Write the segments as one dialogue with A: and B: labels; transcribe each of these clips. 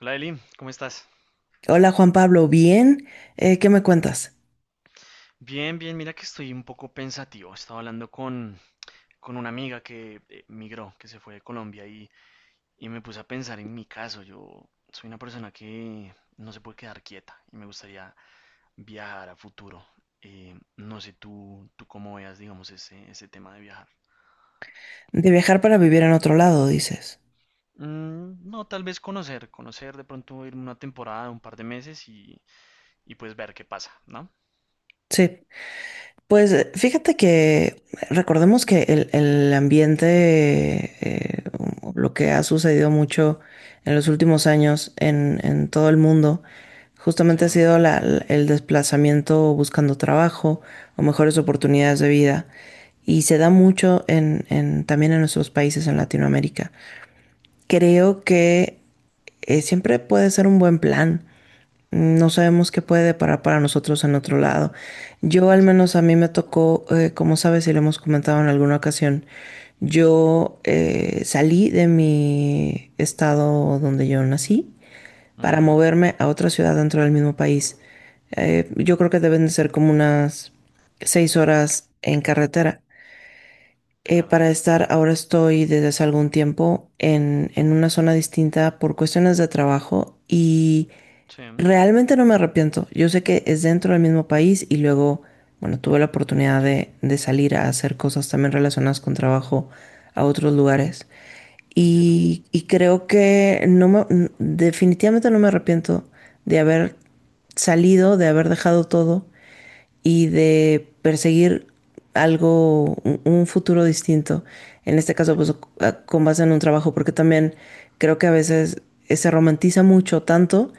A: Hola Eli, ¿cómo estás?
B: Hola Juan Pablo, ¿bien? ¿Qué me cuentas?
A: Bien, bien, mira que estoy un poco pensativo. Estaba hablando con una amiga que migró, que se fue de Colombia y me puse a pensar en mi caso. Yo soy una persona que no se puede quedar quieta y me gustaría viajar a futuro. No sé tú, cómo veas, digamos, ese tema de viajar.
B: De viajar para vivir en otro lado, dices.
A: No, tal vez conocer de pronto ir una temporada, un par de meses y pues ver qué pasa, ¿no?
B: Sí. Pues fíjate que recordemos que el ambiente, eh, o lo que ha sucedido mucho en los últimos años en todo el mundo,
A: Sí,
B: justamente ha sido el desplazamiento buscando trabajo o mejores oportunidades de vida. Y se da mucho también en nuestros países en Latinoamérica. Creo que siempre puede ser un buen plan. No sabemos qué puede deparar para nosotros en otro lado. Yo al menos
A: exacto.
B: a mí me tocó, como sabes y lo hemos comentado en alguna ocasión, yo salí de mi estado donde yo nací para
A: Ujú,
B: moverme a otra ciudad dentro del mismo país. Yo creo que deben de ser como unas 6 horas en carretera
A: claro.
B: para estar, ahora estoy desde hace algún tiempo en una zona distinta por cuestiones de trabajo y
A: Sí,
B: realmente no me arrepiento. Yo sé que es dentro del mismo país y luego, bueno, tuve la oportunidad de salir a hacer cosas también relacionadas con trabajo a otros lugares.
A: entiendo.
B: Y creo que definitivamente no me arrepiento de haber salido, de haber dejado todo y de perseguir algo, un futuro distinto. En este caso, pues
A: Exacto.
B: con base en un trabajo, porque también creo que a veces se romantiza mucho tanto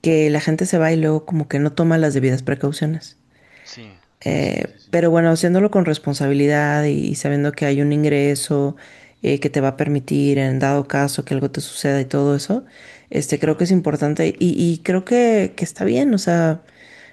B: que la gente se va y luego como que no toma las debidas precauciones.
A: Sí, sí, sí, sí,
B: Pero bueno, haciéndolo con responsabilidad y sabiendo que hay un ingreso que te va a permitir en dado caso que algo te suceda y todo eso, este creo que es
A: claro,
B: importante y creo que está bien, o sea,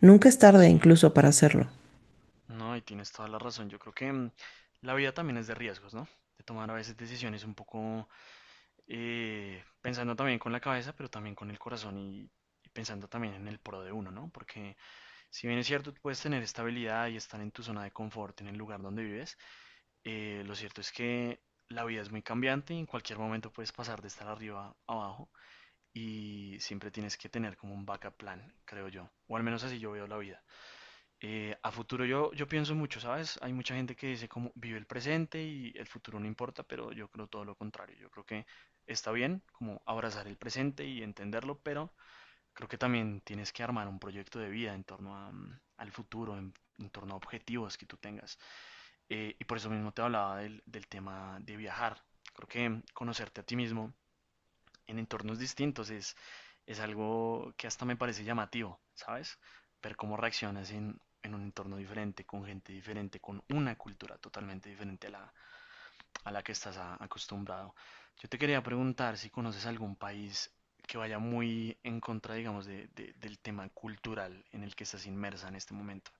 B: nunca es tarde
A: sí,
B: incluso para hacerlo.
A: no, y tienes toda la razón. Yo creo que mm, la vida también es de riesgos, ¿no? De tomar a veces decisiones un poco pensando también con la cabeza, pero también con el corazón y pensando también en el pro de uno, ¿no? Porque si bien es cierto, tú puedes tener estabilidad y estar en tu zona de confort, en el lugar donde vives, lo cierto es que la vida es muy cambiante y en cualquier momento puedes pasar de estar arriba a abajo y siempre tienes que tener como un backup plan, creo yo, o al menos así yo veo la vida. A futuro yo pienso mucho, ¿sabes? Hay mucha gente que dice como vive el presente y el futuro no importa, pero yo creo todo lo contrario. Yo creo que está bien como abrazar el presente y entenderlo, pero creo que también tienes que armar un proyecto de vida en torno a, mm, al futuro, en torno a objetivos que tú tengas. Y por eso mismo te hablaba del tema de viajar. Creo que conocerte a ti mismo en entornos distintos. Es algo que hasta me parece llamativo, ¿sabes? Ver cómo reaccionas en un entorno diferente, con gente diferente, con una cultura totalmente diferente a la que estás acostumbrado. Yo te quería preguntar si conoces algún país que vaya muy en contra, digamos, del tema cultural en el que estás inmersa en este momento.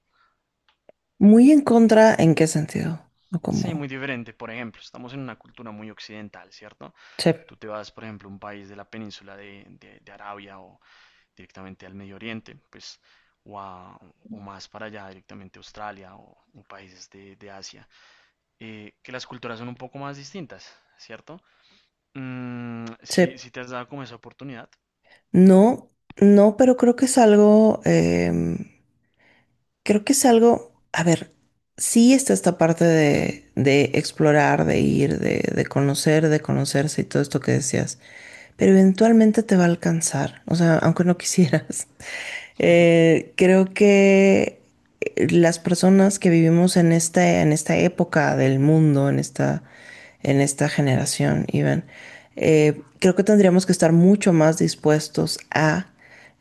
B: Muy en contra, ¿en qué sentido? No
A: Sí,
B: como,
A: muy diferente. Por ejemplo, estamos en una cultura muy occidental, ¿cierto?
B: chep,
A: Tú te vas, por ejemplo, a un país de la península de Arabia o, directamente al Medio Oriente, pues, o, o más para allá, directamente a Australia o países de Asia, que las culturas son un poco más distintas, ¿cierto? Mm, si,
B: chep.
A: si te has dado como esa oportunidad.
B: No, no, pero creo que es algo, creo que es algo, a ver, sí está esta parte de explorar, de ir, de conocer, de conocerse y todo esto que decías, pero eventualmente te va a alcanzar, o sea, aunque no quisieras. Creo que las personas que vivimos en esta, en esta, época del mundo, en esta generación, Iván, creo que tendríamos que estar mucho más dispuestos a,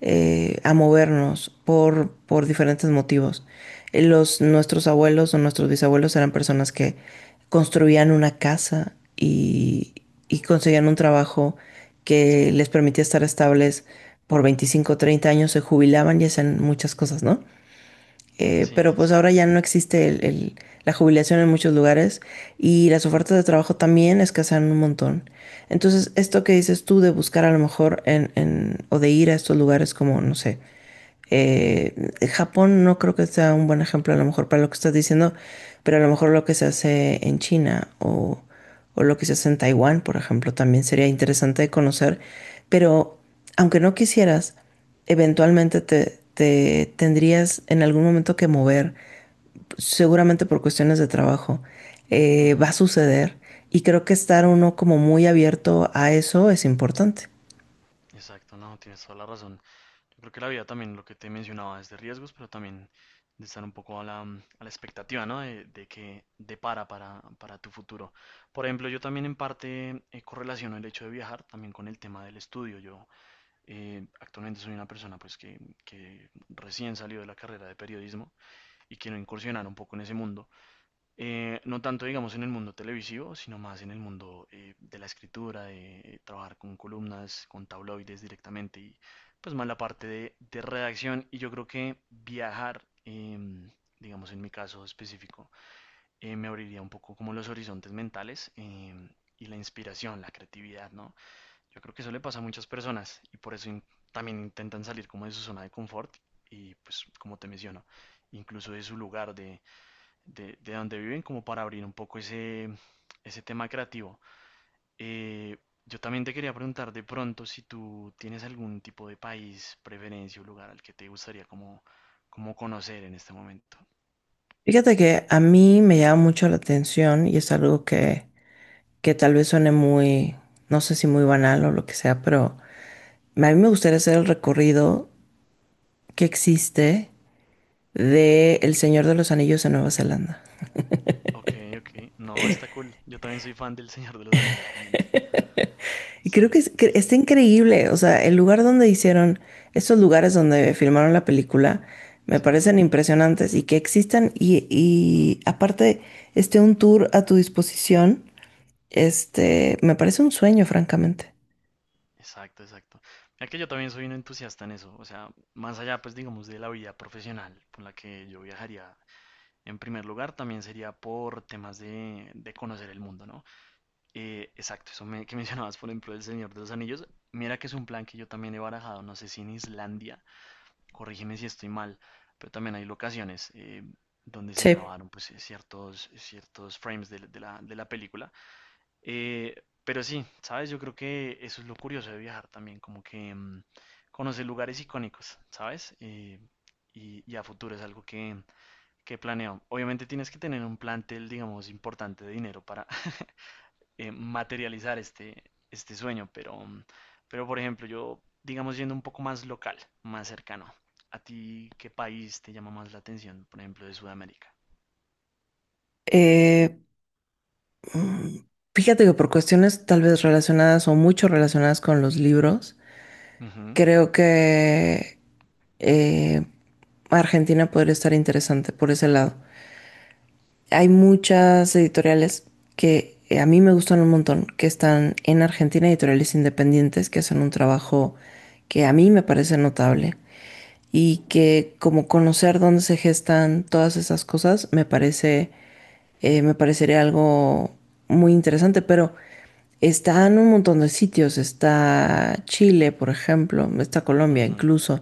B: eh, a movernos por diferentes motivos. Nuestros abuelos o nuestros bisabuelos eran personas que construían una casa y conseguían un trabajo
A: Sí,
B: que les permitía estar estables por 25 o 30 años, se jubilaban y hacían muchas cosas, ¿no?
A: sí,
B: Pero
A: sí,
B: pues
A: sí.
B: ahora ya no existe la jubilación en muchos lugares y las ofertas de trabajo también escasean un montón. Entonces, esto que dices tú de buscar a lo mejor en, o de ir a estos lugares como, no sé, Japón no creo que sea un buen ejemplo a lo mejor para lo que estás diciendo, pero a lo mejor lo que se hace en China o lo que se hace en Taiwán, por ejemplo, también sería interesante de conocer, pero aunque no quisieras, eventualmente te tendrías en algún momento que mover, seguramente por cuestiones de trabajo. Va a
A: Ujú.
B: suceder y creo que estar uno como muy abierto a eso es importante.
A: Exacto, no, tienes toda la razón. Yo creo que la vida también, lo que te mencionaba, es de riesgos, pero también de estar un poco a la, mm, a la expectativa, ¿no? De qué depara para tu futuro. Por ejemplo, yo también en parte correlaciono el hecho de viajar también con el tema del estudio. Yo actualmente soy una persona pues que recién salió de la carrera de periodismo y quiero incursionar un poco en ese mundo no tanto, digamos, en el mundo televisivo, sino más en el mundo de la escritura, de trabajar con columnas, con tabloides directamente y pues más la parte de redacción. Y yo creo que viajar, em, digamos, en mi caso específico, me abriría un poco como los horizontes mentales em, y la inspiración, la creatividad, ¿no? Yo creo que eso le pasa a muchas personas y por eso también intentan salir como de su zona de confort y pues como te menciono, incluso de su lugar de donde viven como para abrir un poco ese tema creativo. Eh, yo también te quería preguntar de pronto si tú tienes algún tipo de país, preferencia o lugar al que te gustaría como, como conocer en este momento.
B: Fíjate que a mí me llama mucho la atención y es algo que tal vez suene muy, no sé si muy banal o lo que sea, pero a mí me gustaría hacer el recorrido que existe de El Señor de los Anillos en Nueva Zelanda.
A: Ok, ok. No, está cool. Yo también soy fan del Señor de los Anillos, realmente.
B: Y creo que,
A: Sí, sí,
B: que
A: sí.
B: está increíble, o sea, el lugar donde hicieron, estos lugares donde filmaron la película, me parecen
A: Sí,
B: impresionantes y que existan y aparte esté un tour a tu disposición, me parece un sueño, francamente.
A: exacto, exacto. Mira que yo también soy un entusiasta en eso. O sea, más allá, pues digamos, de la vida profesional por la que yo viajaría. En primer lugar, también sería por temas de conocer el mundo, ¿no? Exacto, eso que mencionabas, por ejemplo, El Señor de los Anillos. Mira que es un plan que yo también he barajado, no sé si en Islandia, corrígeme si estoy mal, pero también hay locaciones donde se
B: Sí.
A: grabaron pues, ciertos frames de la película. Eh, pero sí, ¿sabes? Yo creo que eso es lo curioso de viajar también, como que mm, conocer lugares icónicos, ¿sabes? Y, y a futuro es algo que ¿qué planeo? Obviamente tienes que tener un plantel, digamos, importante de dinero para materializar este, este sueño, pero, mm, pero por ejemplo, yo, digamos, yendo un poco más local, más cercano, ¿a ti qué país te llama más la atención, por ejemplo, de Sudamérica?
B: Eh, Fíjate que por cuestiones tal vez relacionadas o mucho relacionadas con los libros,
A: Ujú,
B: creo que eh, Argentina podría estar interesante por ese lado. Hay muchas editoriales que a mí me gustan un montón, que están en Argentina, editoriales independientes que hacen un trabajo que a mí me parece notable y que como conocer dónde se gestan todas esas cosas me parece, me parecería algo muy interesante, pero está en un montón de sitios, está Chile, por ejemplo, está Colombia
A: ujú,
B: incluso,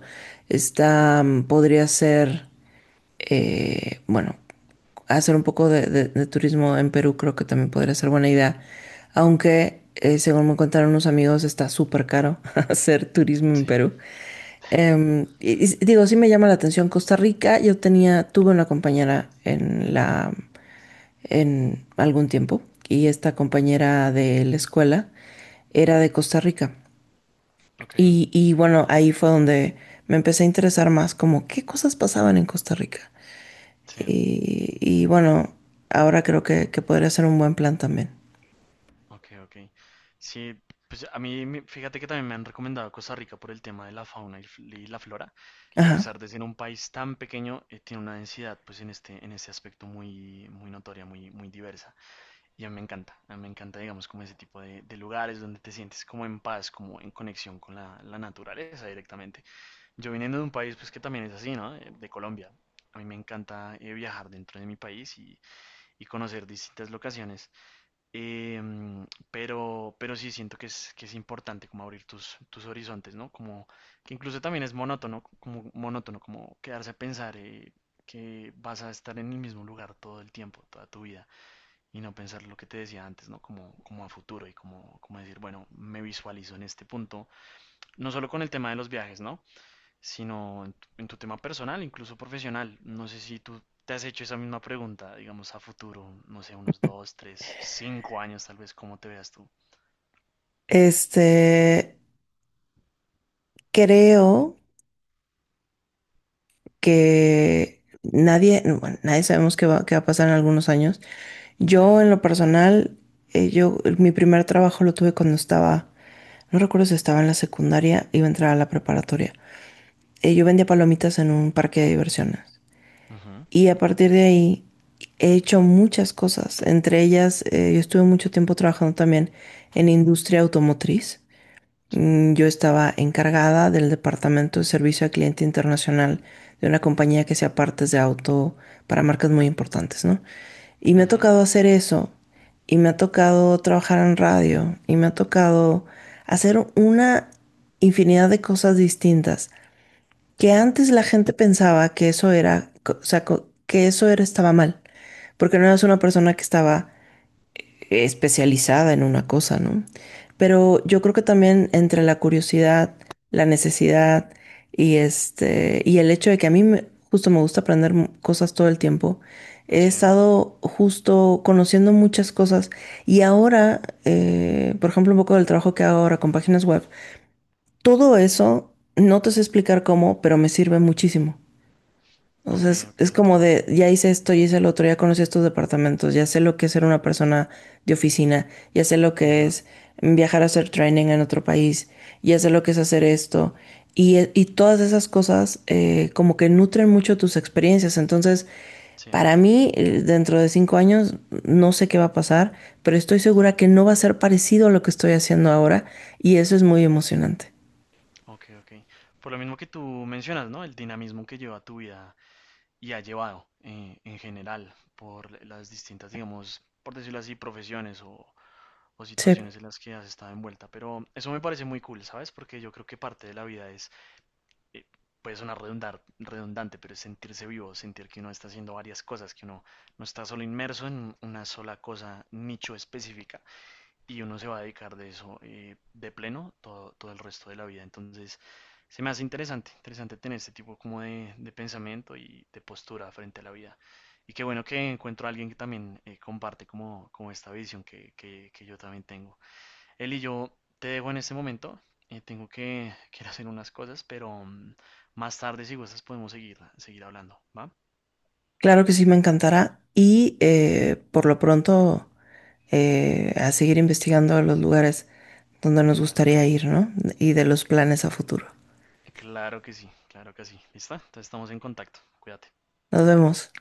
A: claro.
B: está, podría ser bueno, hacer un poco de turismo en Perú creo que también podría ser buena idea, aunque según me contaron unos amigos está súper caro hacer turismo en
A: Sí,
B: Perú. Y digo, sí me llama la atención Costa Rica, tuve una compañera en algún tiempo y esta compañera de la escuela era de Costa Rica.
A: ok,
B: Y bueno, ahí fue donde me empecé a interesar más como qué cosas pasaban en Costa Rica.
A: sí.
B: Y bueno, ahora creo que podría ser un buen plan también.
A: Ok, ok. Sí, pues a mí, fíjate que también me han recomendado Costa Rica por el tema de la fauna y y la flora, que a
B: Ajá.
A: pesar de ser un país tan pequeño, tiene una densidad, pues en este, en ese aspecto muy, muy notoria, muy, muy diversa. Y a mí me encanta, a mí me encanta, digamos, como ese tipo de lugares donde te sientes como en paz, como en conexión con la naturaleza directamente. Yo viniendo de un país, pues que también es así, ¿no? De Colombia. A mí me encanta viajar dentro de mi país y conocer distintas locaciones. Em, pero sí siento que es importante como abrir tus horizontes, ¿no? Como que incluso también es monótono, como quedarse a pensar que vas a estar en el mismo lugar todo el tiempo, toda tu vida, y no pensar lo que te decía antes, ¿no? Como, como a futuro y como, como decir, bueno, me visualizo en este punto, no solo con el tema de los viajes, ¿no? Sino en tu tema personal, incluso profesional. No sé si tú te has hecho esa misma pregunta, digamos a futuro, no sé, unos 2, 3, 5 años tal vez, cómo te veas tú.
B: Este, creo que nadie, bueno, nadie sabemos qué va, a pasar en algunos años.
A: Sí,
B: Yo, en lo personal, mi primer trabajo lo tuve cuando estaba, no recuerdo si estaba en la secundaria, iba a entrar a la preparatoria. Yo vendía palomitas en un parque de diversiones.
A: ujú,
B: Y a partir de ahí he hecho muchas cosas. Entre ellas, yo estuve mucho tiempo trabajando también en industria automotriz.
A: sí,
B: Yo estaba encargada del departamento de servicio al cliente internacional de una compañía que hacía partes de auto para marcas muy importantes, ¿no? Y me ha
A: ujú,
B: tocado hacer eso, y me ha tocado trabajar en radio, y me ha tocado hacer una infinidad de cosas distintas que
A: sí,
B: antes la gente pensaba que eso era, o sea, que eso era, estaba mal, porque no eras una persona que estaba especializada en una cosa, ¿no? Pero yo creo que también entre la curiosidad, la necesidad y el hecho de que a mí justo me gusta aprender cosas todo el tiempo, he
A: sí,
B: estado justo conociendo muchas cosas y ahora, por ejemplo, un poco del trabajo que hago ahora con páginas web, todo eso, no te sé explicar cómo, pero me sirve muchísimo. O
A: ok,
B: sea, es,
A: ok,
B: es como
A: entiendo.
B: de, ya hice esto, ya hice el otro, ya conocí estos departamentos, ya sé lo que es ser una persona de oficina, ya sé lo que
A: Ujú,
B: es viajar a hacer training en otro país, ya sé lo que es hacer esto. Y todas esas cosas como que nutren mucho tus experiencias. Entonces,
A: sí,
B: para mí, dentro de 5 años, no sé qué va a pasar, pero estoy segura
A: claro,
B: que no va a ser parecido a lo que estoy haciendo ahora y eso es muy emocionante.
A: ok, ok. Por lo mismo que tú mencionas, ¿no? El dinamismo que lleva tu vida y ha llevado en general por las distintas, digamos, por decirlo así, profesiones o
B: Sí,
A: situaciones en las que has estado envuelta. Pero eso me parece muy cool, ¿sabes? Porque yo creo que parte de la vida es, eh, puede sonar redundar, redundante, pero es sentirse vivo, sentir que uno está haciendo varias cosas, que uno no está solo inmerso en una sola cosa, nicho específica, y uno se va a dedicar de eso de pleno todo, todo el resto de la vida. Entonces, se me hace interesante, interesante tener este tipo como de pensamiento y de postura frente a la vida. Y qué bueno que encuentro a alguien que también comparte como, como esta visión que yo también tengo. Eli, yo te dejo en este momento. Tengo que ir a hacer unas cosas, pero mm, más tarde, si gustas, podemos seguir hablando, ¿va?
B: claro que sí, me encantará y por lo pronto, a seguir investigando los lugares donde nos
A: Claro que
B: gustaría
A: sí.
B: ir, ¿no? Y de los planes a futuro.
A: Claro que sí, claro que sí. ¿Lista? Entonces estamos en contacto. Cuídate.
B: Nos vemos.